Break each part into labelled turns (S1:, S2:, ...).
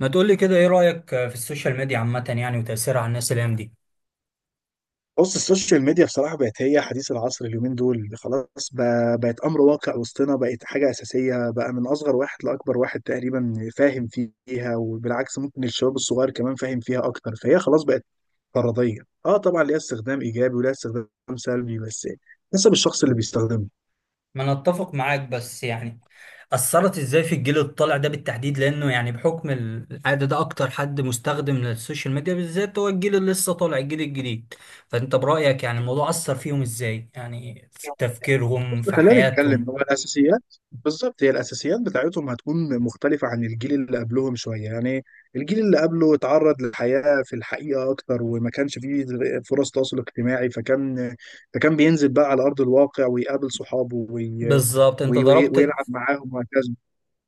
S1: ما تقولي كده ايه رأيك في السوشيال ميديا عامة يعني وتأثيرها على الناس الأيام دي؟
S2: بص، السوشيال ميديا بصراحة بقت هي حديث العصر اليومين دول. خلاص بقت أمر واقع وسطنا، بقت حاجة أساسية بقى. من أصغر واحد لأكبر واحد تقريبا فاهم فيها، وبالعكس ممكن الشباب الصغير كمان فاهم فيها أكتر. فهي خلاص بقت فرضية. اه، طبعا ليها استخدام إيجابي وليها استخدام سلبي، بس حسب الشخص اللي بيستخدمها.
S1: ما انا اتفق معاك بس يعني أثرت ازاي في الجيل الطالع ده بالتحديد لأنه يعني بحكم العادة ده أكتر حد مستخدم للسوشيال ميديا بالذات، هو الجيل اللي لسه طالع الجيل الجديد. فأنت برأيك يعني الموضوع أثر فيهم ازاي؟ يعني في تفكيرهم
S2: بص،
S1: في
S2: خلينا نتكلم.
S1: حياتهم.
S2: هو الاساسيات بالظبط، هي الاساسيات بتاعتهم هتكون مختلفه عن الجيل اللي قبلهم شويه يعني. الجيل اللي قبله اتعرض للحياه في الحقيقه اكتر، وما كانش فيه فرص تواصل اجتماعي. فكان فكان بينزل بقى على ارض الواقع ويقابل صحابه
S1: بالظبط أنت ضربت.
S2: ويلعب معاهم وهكذا.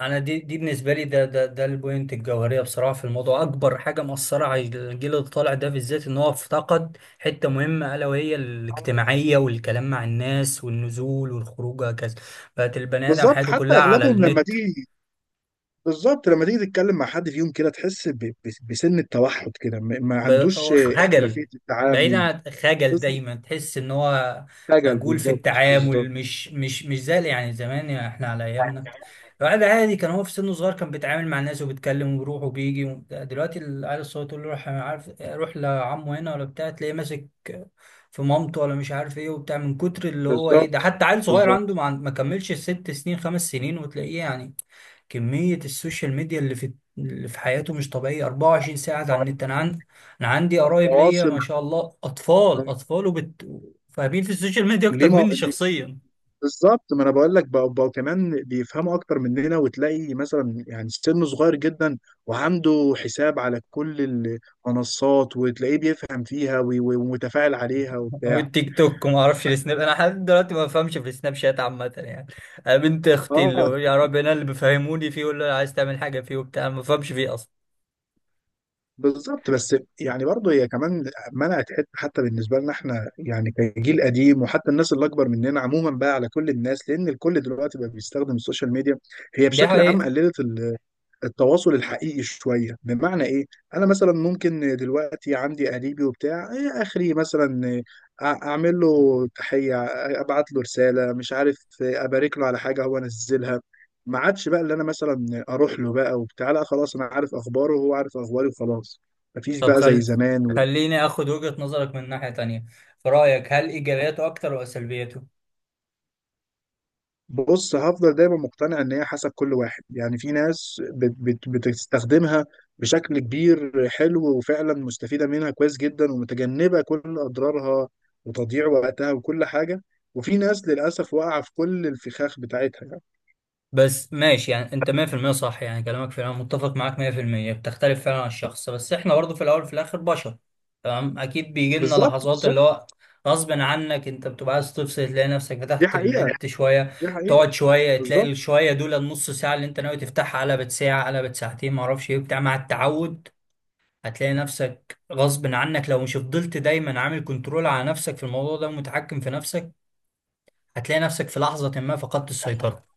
S1: انا دي بالنسبه لي ده البوينت الجوهريه بصراحه في الموضوع، اكبر حاجه مأثره على الجيل اللي طالع ده بالذات ان هو افتقد حته مهمه، الا وهي الاجتماعيه والكلام مع الناس والنزول والخروج وهكذا. بقت البني ادم
S2: بالظبط،
S1: حياته
S2: حتى
S1: كلها على
S2: اغلبهم لما
S1: النت.
S2: تيجي. بالظبط، لما تيجي تتكلم مع حد فيهم كده تحس بسن التوحد كده، ما
S1: ب-
S2: عندوش
S1: هو خجل.
S2: احترافيه
S1: بعيد
S2: التعامل.
S1: عن خجل،
S2: بس
S1: دايما تحس ان هو
S2: خجل،
S1: خجول في
S2: بالظبط، بالظبط.
S1: التعامل، مش زي يعني زمان، يعني احنا على ايامنا الواحد عادي كان هو في سنه صغير كان بيتعامل مع الناس وبيتكلم وبيروح وبيجي دلوقتي العيال الصغير تقول له روح، أنا عارف، روح لعمه هنا ولا بتاع، تلاقيه ماسك في مامته ولا مش عارف ايه وبتاع، من كتر اللي هو ايه
S2: بالظبط،
S1: ده. حتى عيل صغير عنده
S2: بالظبط،
S1: ما كملش ست سنين خمس سنين، وتلاقيه يعني كمية السوشيال ميديا اللي في حياته مش طبيعية، 24 ساعة على النت. انا عندي قرايب ليا
S2: مواصل.
S1: ما شاء الله اطفال اطفال فاهمين في السوشيال ميديا
S2: ليه
S1: اكتر
S2: ما...
S1: مني
S2: ليه-
S1: شخصيا،
S2: بالظبط، ما انا بقول لك بقى كمان بيفهموا اكتر مننا، وتلاقي مثلا يعني سنه صغير جدا وعنده حساب على كل المنصات وتلاقيه بيفهم فيها ومتفاعل عليها وبتاع.
S1: والتيك توك وما اعرفش السناب. انا لحد دلوقتي ما بفهمش في السناب شات عامه يعني. انا بنت اختي اللي
S2: اه،
S1: يا رب انا اللي بيفهموني فيه، ولا عايز تعمل حاجه فيه وبتاع ما بفهمش فيه اصلا.
S2: بالظبط. بس يعني برضه هي كمان منعت حته. حتى بالنسبه لنا احنا يعني كجيل قديم، وحتى الناس اللي اكبر مننا عموما بقى، على كل الناس، لان الكل دلوقتي بقى بيستخدم السوشيال ميديا. هي
S1: دي
S2: بشكل عام
S1: حقيقه.
S2: قللت التواصل الحقيقي شويه. بمعنى ايه؟ انا مثلا ممكن دلوقتي عندي قريبي وبتاع إيه اخري مثلا، اعمل له تحيه، ابعت له رساله، مش عارف، ابارك له على حاجه هو نزلها. ما عادش بقى اللي انا مثلا اروح له بقى وبتاع، لا خلاص، انا عارف اخباره وهو عارف اخباري وخلاص. مفيش
S1: طب
S2: بقى زي زمان.
S1: خليني اخد وجهه نظرك من ناحيه تانية. في رايك هل ايجابياته اكتر ولا سلبياته؟
S2: بص، هفضل دايما مقتنع ان هي حسب كل واحد. يعني في ناس بت بتستخدمها بشكل كبير حلو وفعلا مستفيدة منها كويس جدا ومتجنبة كل اضرارها وتضييع وقتها وكل حاجة، وفي ناس للاسف واقعة في كل الفخاخ بتاعتها يعني.
S1: بس ماشي، يعني انت 100% صح، يعني كلامك فعلا متفق معاك 100%. بتختلف فعلا على الشخص، بس احنا برضه في الاول وفي الاخر بشر. تمام، اكيد بيجي لنا
S2: بالظبط،
S1: لحظات اللي
S2: بالظبط.
S1: هو غصب عنك انت بتبقى عايز تفصل، تلاقي نفسك
S2: دي
S1: فتحت
S2: حقيقة،
S1: النت شويه.
S2: دي حقيقة.
S1: تقعد شويه تلاقي
S2: بالظبط.
S1: الشويه دول، النص ساعه اللي انت ناوي تفتحها قلبت ساعه، قلبت ساعتين، ما اعرفش ايه بتاع، مع التعود هتلاقي نفسك غصب عنك لو مش فضلت دايما عامل كنترول على نفسك في الموضوع ده ومتحكم في نفسك. هتلاقي نفسك في لحظه ما فقدت السيطره،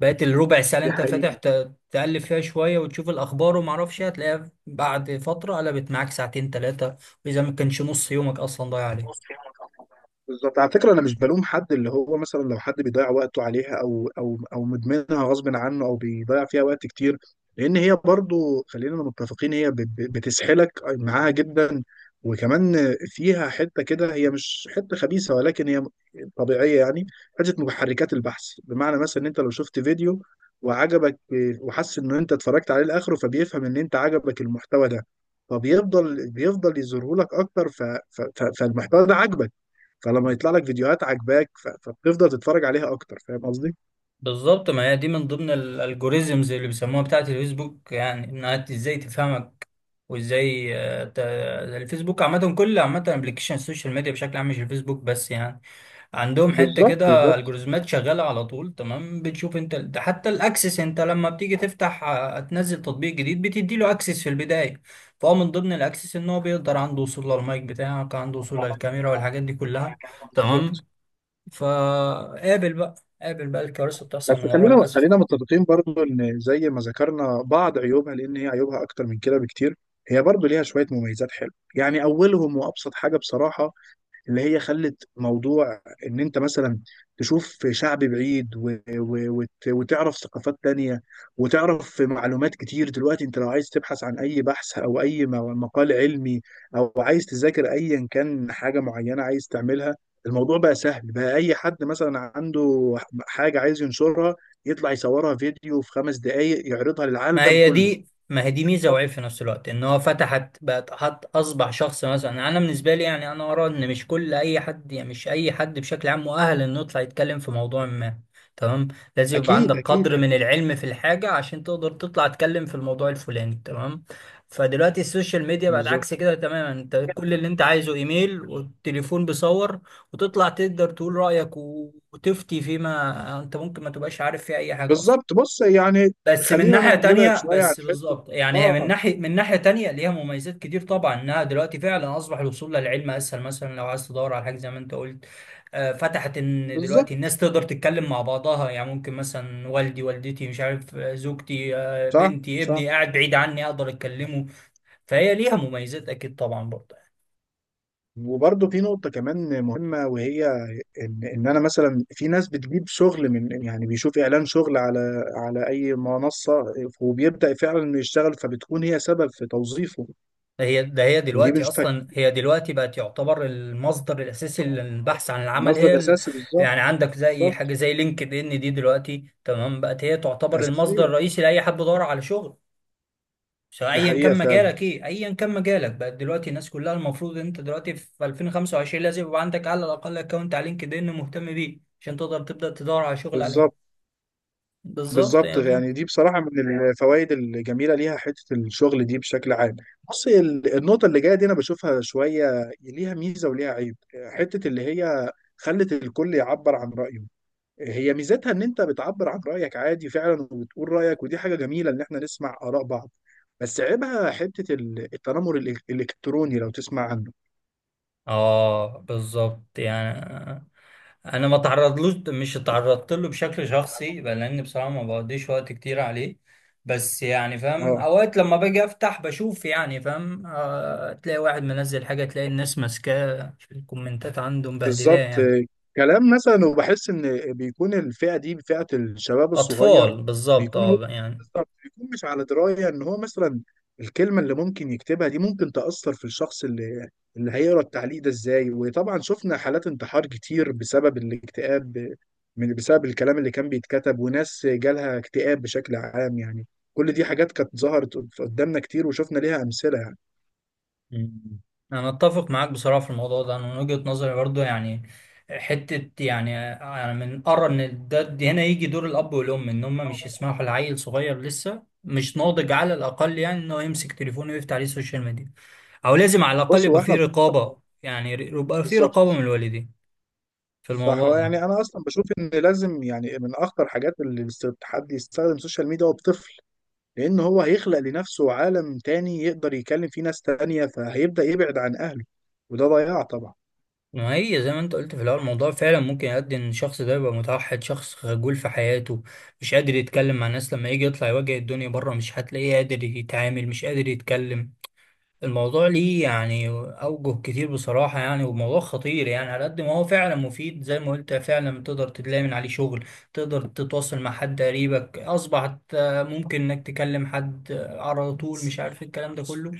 S1: بقيت الربع ساعة اللي انت
S2: دي
S1: فاتح تقلب فيها شوية وتشوف الأخبار وما اعرفش إيه، هتلاقيها بعد فترة قلبت معاك ساعتين تلاتة، وإذا ما كانش نص يومك أصلا ضايع عليك.
S2: حقيقة. بالظبط، على فكره، انا مش بلوم حد اللي هو مثلا لو حد بيضيع وقته عليها او او او مدمنها غصب عنه او بيضيع فيها وقت كتير، لان هي برضو خلينا متفقين هي بتسحلك معاها جدا. وكمان فيها حته كده، هي مش حته خبيثه ولكن هي طبيعيه يعني. حته محركات البحث، بمعنى مثلا ان انت لو شفت فيديو وعجبك وحس ان انت اتفرجت عليه لاخره، فبيفهم ان انت عجبك المحتوى ده، فبيفضل بيفضل يظهره لك اكتر. فالمحتوى ده عجبك، فلما يطلع لك فيديوهات عاجباك فبتفضل تتفرج عليها اكتر. فاهم قصدي؟
S1: بالظبط، ما هي دي من ضمن الالجوريزمز اللي بيسموها بتاعة الفيسبوك، يعني إنها إزاي تفهمك وإزاي، آه، الفيسبوك عامة، كل عامة ابلكيشن السوشيال ميديا بشكل عام مش الفيسبوك بس يعني. عندهم حته
S2: بالظبط،
S1: كده
S2: بالظبط،
S1: الجوريزمات شغاله على طول، تمام. بتشوف انت ده، حتى الاكسس انت لما بتيجي تفتح آه، تنزل تطبيق جديد بتدي له اكسس في البدايه. فهو من ضمن الاكسس ان هو بيقدر عنده وصول للمايك بتاعك، عنده وصول للكاميرا والحاجات دي كلها. تمام.
S2: بالظبط.
S1: فقابل بقى الكوارث بتحصل
S2: بس
S1: من وراه
S2: خلينا
S1: للاسف.
S2: خلينا متفقين برضو ان زي ما ذكرنا بعض عيوبها، لان هي عيوبها اكتر من كده بكتير. هي برضو ليها شويه مميزات حلوه يعني. اولهم وابسط حاجه بصراحه اللي هي خلت موضوع ان انت مثلا تشوف شعب بعيد وتعرف ثقافات تانية وتعرف معلومات كتير. دلوقتي انت لو عايز تبحث عن اي بحث او اي مقال علمي، او عايز تذاكر ايا كان حاجة معينة عايز تعملها، الموضوع بقى سهل بقى. اي حد مثلا عنده حاجة عايز ينشرها، يطلع يصورها فيديو في 5 دقايق يعرضها
S1: ما
S2: للعالم
S1: هي
S2: كله.
S1: دي ما هي دي ميزه وعيب في نفس الوقت، ان هو فتحت بقت حط، اصبح شخص، مثلا انا بالنسبه لي يعني انا ارى ان مش كل اي حد، يعني مش اي حد بشكل عام مؤهل انه يطلع يتكلم في موضوع ما. تمام. لازم يبقى
S2: اكيد،
S1: عندك
S2: اكيد،
S1: قدر من
S2: اكيد.
S1: العلم في الحاجه عشان تقدر تطلع تتكلم في الموضوع الفلاني، تمام. فدلوقتي السوشيال ميديا بقت
S2: بالظبط،
S1: عكس كده تماما، انت كل اللي انت عايزه ايميل والتليفون بيصور، وتطلع تقدر تقول رايك وتفتي فيما انت ممكن ما تبقاش عارف فيه اي حاجه اصلا.
S2: بالظبط. بص يعني،
S1: بس من
S2: خلينا
S1: ناحية
S2: نبعد
S1: تانية،
S2: شويه عن
S1: بس
S2: حته.
S1: بالظبط يعني هي من
S2: اه،
S1: ناحية، من ناحية تانية ليها مميزات كتير طبعا. انها دلوقتي فعلا اصبح الوصول للعلم اسهل، مثلا لو عايز تدور على حاجة زي ما انت قلت. آه، فتحت ان دلوقتي
S2: بالظبط.
S1: الناس تقدر تتكلم مع بعضها، يعني ممكن مثلا والدي، والدتي، مش عارف، آه، زوجتي، آه،
S2: صح،
S1: بنتي،
S2: صح.
S1: ابني قاعد بعيد عني اقدر اتكلمه. فهي ليها مميزات اكيد طبعا برضه.
S2: وبرضه في نقطة كمان مهمة، وهي إن أنا مثلا، في ناس بتجيب شغل من، يعني بيشوف إعلان شغل على على أي منصة وبيبدأ فعلا إنه يشتغل، فبتكون هي سبب في توظيفه.
S1: هي ده هي
S2: ودي
S1: دلوقتي
S2: بنشوفها
S1: اصلا هي دلوقتي بقت يعتبر المصدر الاساسي للبحث عن العمل. هي
S2: مصدر أساسي، بالظبط.
S1: يعني عندك زي
S2: بالظبط،
S1: حاجه زي لينكد ان دي دلوقتي، تمام، بقت هي تعتبر المصدر
S2: أساسية.
S1: الرئيسي لاي حد بيدور على شغل سواء
S2: دي
S1: ايا
S2: حقيقة
S1: كان
S2: فعلا.
S1: مجالك ايه. ايا كان مجالك، بقت دلوقتي الناس كلها المفروض ان انت دلوقتي في 2025 لازم يبقى عندك على الاقل اكونت على لينكد ان مهتم بيه عشان تقدر تبدا تدور على شغل
S2: بالظبط.
S1: عليه. بالظبط
S2: بالظبط
S1: يا.
S2: يعني، دي بصراحة من الفوائد الجميلة ليها، حتة الشغل دي بشكل عام. بص، النقطة اللي جاية دي أنا بشوفها شوية ليها ميزة وليها عيب. حتة اللي هي خلت الكل يعبر عن رأيه، هي ميزتها إن أنت بتعبر عن رأيك عادي فعلا وبتقول رأيك، ودي حاجة جميلة إن إحنا نسمع آراء بعض، بس عيبها حتة التنمر الإلكتروني لو تسمع عنه.
S1: اه، بالظبط يعني. انا ما تعرضلوش، مش اتعرضت له بشكل شخصي بقى، لان بصراحه ما بقضيش وقت كتير عليه. بس يعني فاهم،
S2: اه،
S1: اوقات لما باجي افتح بشوف يعني فاهم آه، تلاقي واحد منزل حاجه، تلاقي الناس ماسكاه في الكومنتات عنده مبهدلاه
S2: بالظبط.
S1: يعني.
S2: كلام مثلا، وبحس ان بيكون الفئه دي فئه الشباب الصغير.
S1: اطفال، بالظبط،
S2: بيكون هو،
S1: اه يعني.
S2: بالظبط، بيكون مش على درايه ان هو مثلا الكلمه اللي ممكن يكتبها دي ممكن تاثر في الشخص اللي اللي هيقرا التعليق ده ازاي. وطبعا شفنا حالات انتحار كتير بسبب الاكتئاب من بسبب الكلام اللي كان بيتكتب، وناس جالها اكتئاب بشكل عام يعني. كل دي حاجات كانت ظهرت قدامنا كتير وشفنا ليها امثله يعني.
S1: مم. انا اتفق معاك بصراحه في الموضوع ده. انا من وجهه نظري برضو يعني، حته يعني، يعني من ارى ان ده هنا يجي دور الاب والام، ان هم مش يسمحوا لعيل صغير لسه مش ناضج، على الاقل يعني، انه يمسك تليفونه ويفتح عليه السوشيال ميديا. او لازم على الاقل
S2: بص، هو
S1: يبقى فيه
S2: احنا،
S1: رقابه، يعني يبقى فيه رقابه من
S2: بالظبط،
S1: الوالدين في
S2: صح.
S1: الموضوع
S2: هو
S1: ده.
S2: يعني انا اصلا بشوف ان لازم يعني من اخطر حاجات اللي الحد يستخدم السوشيال ميديا هو بطفل، لان هو هيخلق لنفسه عالم تاني يقدر يكلم فيه ناس تانية فهيبدأ يبعد عن اهله، وده ضياع طبعا.
S1: ما هي زي ما انت قلت في الاول، الموضوع فعلا ممكن يؤدي ان الشخص ده يبقى متوحد، شخص خجول في حياته، مش قادر يتكلم مع الناس. لما يجي يطلع يواجه الدنيا بره مش هتلاقيه قادر يتعامل، مش قادر يتكلم. الموضوع ليه يعني أوجه كتير بصراحة، يعني وموضوع خطير يعني. على قد ما هو فعلا مفيد زي ما قلت، فعلا تقدر تلاقي من عليه شغل، تقدر تتواصل مع حد قريبك، أصبحت آه، ممكن إنك تكلم حد آه، على طول، مش عارف إيه الكلام ده كله.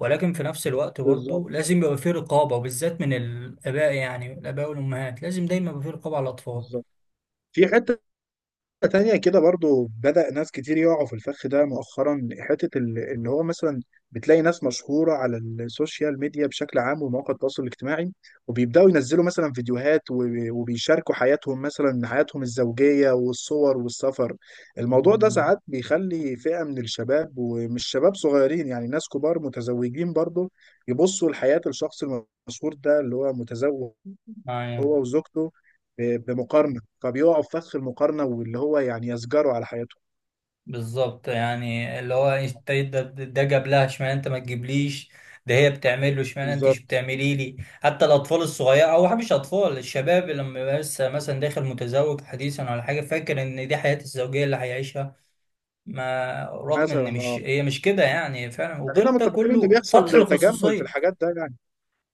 S1: ولكن في نفس الوقت برضه
S2: بالظبط،
S1: لازم يبقى فيه رقابة، وبالذات من الآباء، يعني الآباء والأمهات لازم دايما يبقى فيه رقابة على الأطفال.
S2: بالظبط. في حتة تانية كده برضو بدأ ناس كتير يقعوا في الفخ ده مؤخرا. حتة اللي هو مثلا بتلاقي ناس مشهورة على السوشيال ميديا بشكل عام ومواقع التواصل الاجتماعي، وبيبدأوا ينزلوا مثلا فيديوهات وبيشاركوا حياتهم، مثلا حياتهم الزوجية والصور والسفر. الموضوع ده
S1: مم.
S2: ساعات بيخلي فئة من الشباب، ومش شباب صغيرين يعني، ناس كبار متزوجين برضو، يبصوا لحياة الشخص المشهور ده اللي هو متزوج
S1: معايا.
S2: هو وزوجته بمقارنة، فبيقعوا في فخ المقارنة واللي هو يعني يسجروا على حياتهم.
S1: بالظبط، يعني اللي هو انت ده جاب لها، اشمعنى انت ما تجيبليش. ده هي بتعمل له، اشمعنى انت مش
S2: بالظبط،
S1: بتعملي لي. حتى الاطفال الصغيره، او مش اطفال، الشباب اللي لما يبقى لسه مثلا داخل متزوج حديثا ولا حاجه، فاكر ان دي حياه الزوجيه اللي هيعيشها. ما رغم ان
S2: مثلا.
S1: مش،
S2: اه،
S1: هي مش كده يعني فعلا.
S2: خلينا
S1: وغير ده
S2: متفقين ان
S1: كله فتح
S2: بيحصل تجمل في
S1: الخصوصيه.
S2: الحاجات ده يعني.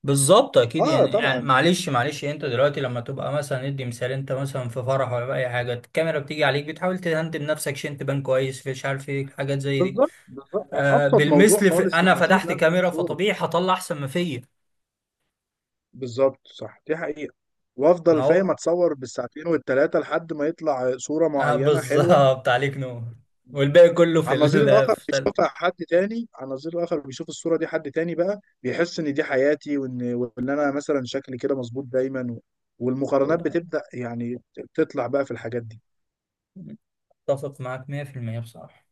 S1: بالظبط اكيد
S2: اه،
S1: يعني
S2: طبعا.
S1: معلش معلش، انت دلوقتي لما تبقى مثلا، ندي مثال، انت مثلا في فرح ولا في اي حاجه الكاميرا بتيجي عليك، بتحاول تهندم نفسك، شنت بان كويس مش عارف ايه، حاجات زي دي.
S2: بالظبط، بالظبط.
S1: آه،
S2: ابسط موضوع
S1: بالمثل
S2: خالص
S1: انا
S2: لما تيجي
S1: فتحت
S2: تنزل
S1: كاميرا
S2: صورة.
S1: فطبيعي هطلع احسن ما فيا.
S2: بالظبط، صح، دي حقيقة.
S1: ما
S2: وافضل فاهم
S1: هو،
S2: اتصور بالساعتين والتلاتة لحد ما يطلع صورة
S1: آه
S2: معينة حلوة.
S1: بالظبط عليك نور، والباقي كله في
S2: على
S1: ال
S2: النظير الآخر بيشوفها حد تاني. على النظير الآخر بيشوف الصورة دي حد تاني بقى، بيحس إن دي حياتي، وإن أنا مثلا شكلي كده مظبوط دايما، و... والمقارنات بتبدأ يعني تطلع بقى في الحاجات دي.
S1: اتفق معاك 100% بصراحة.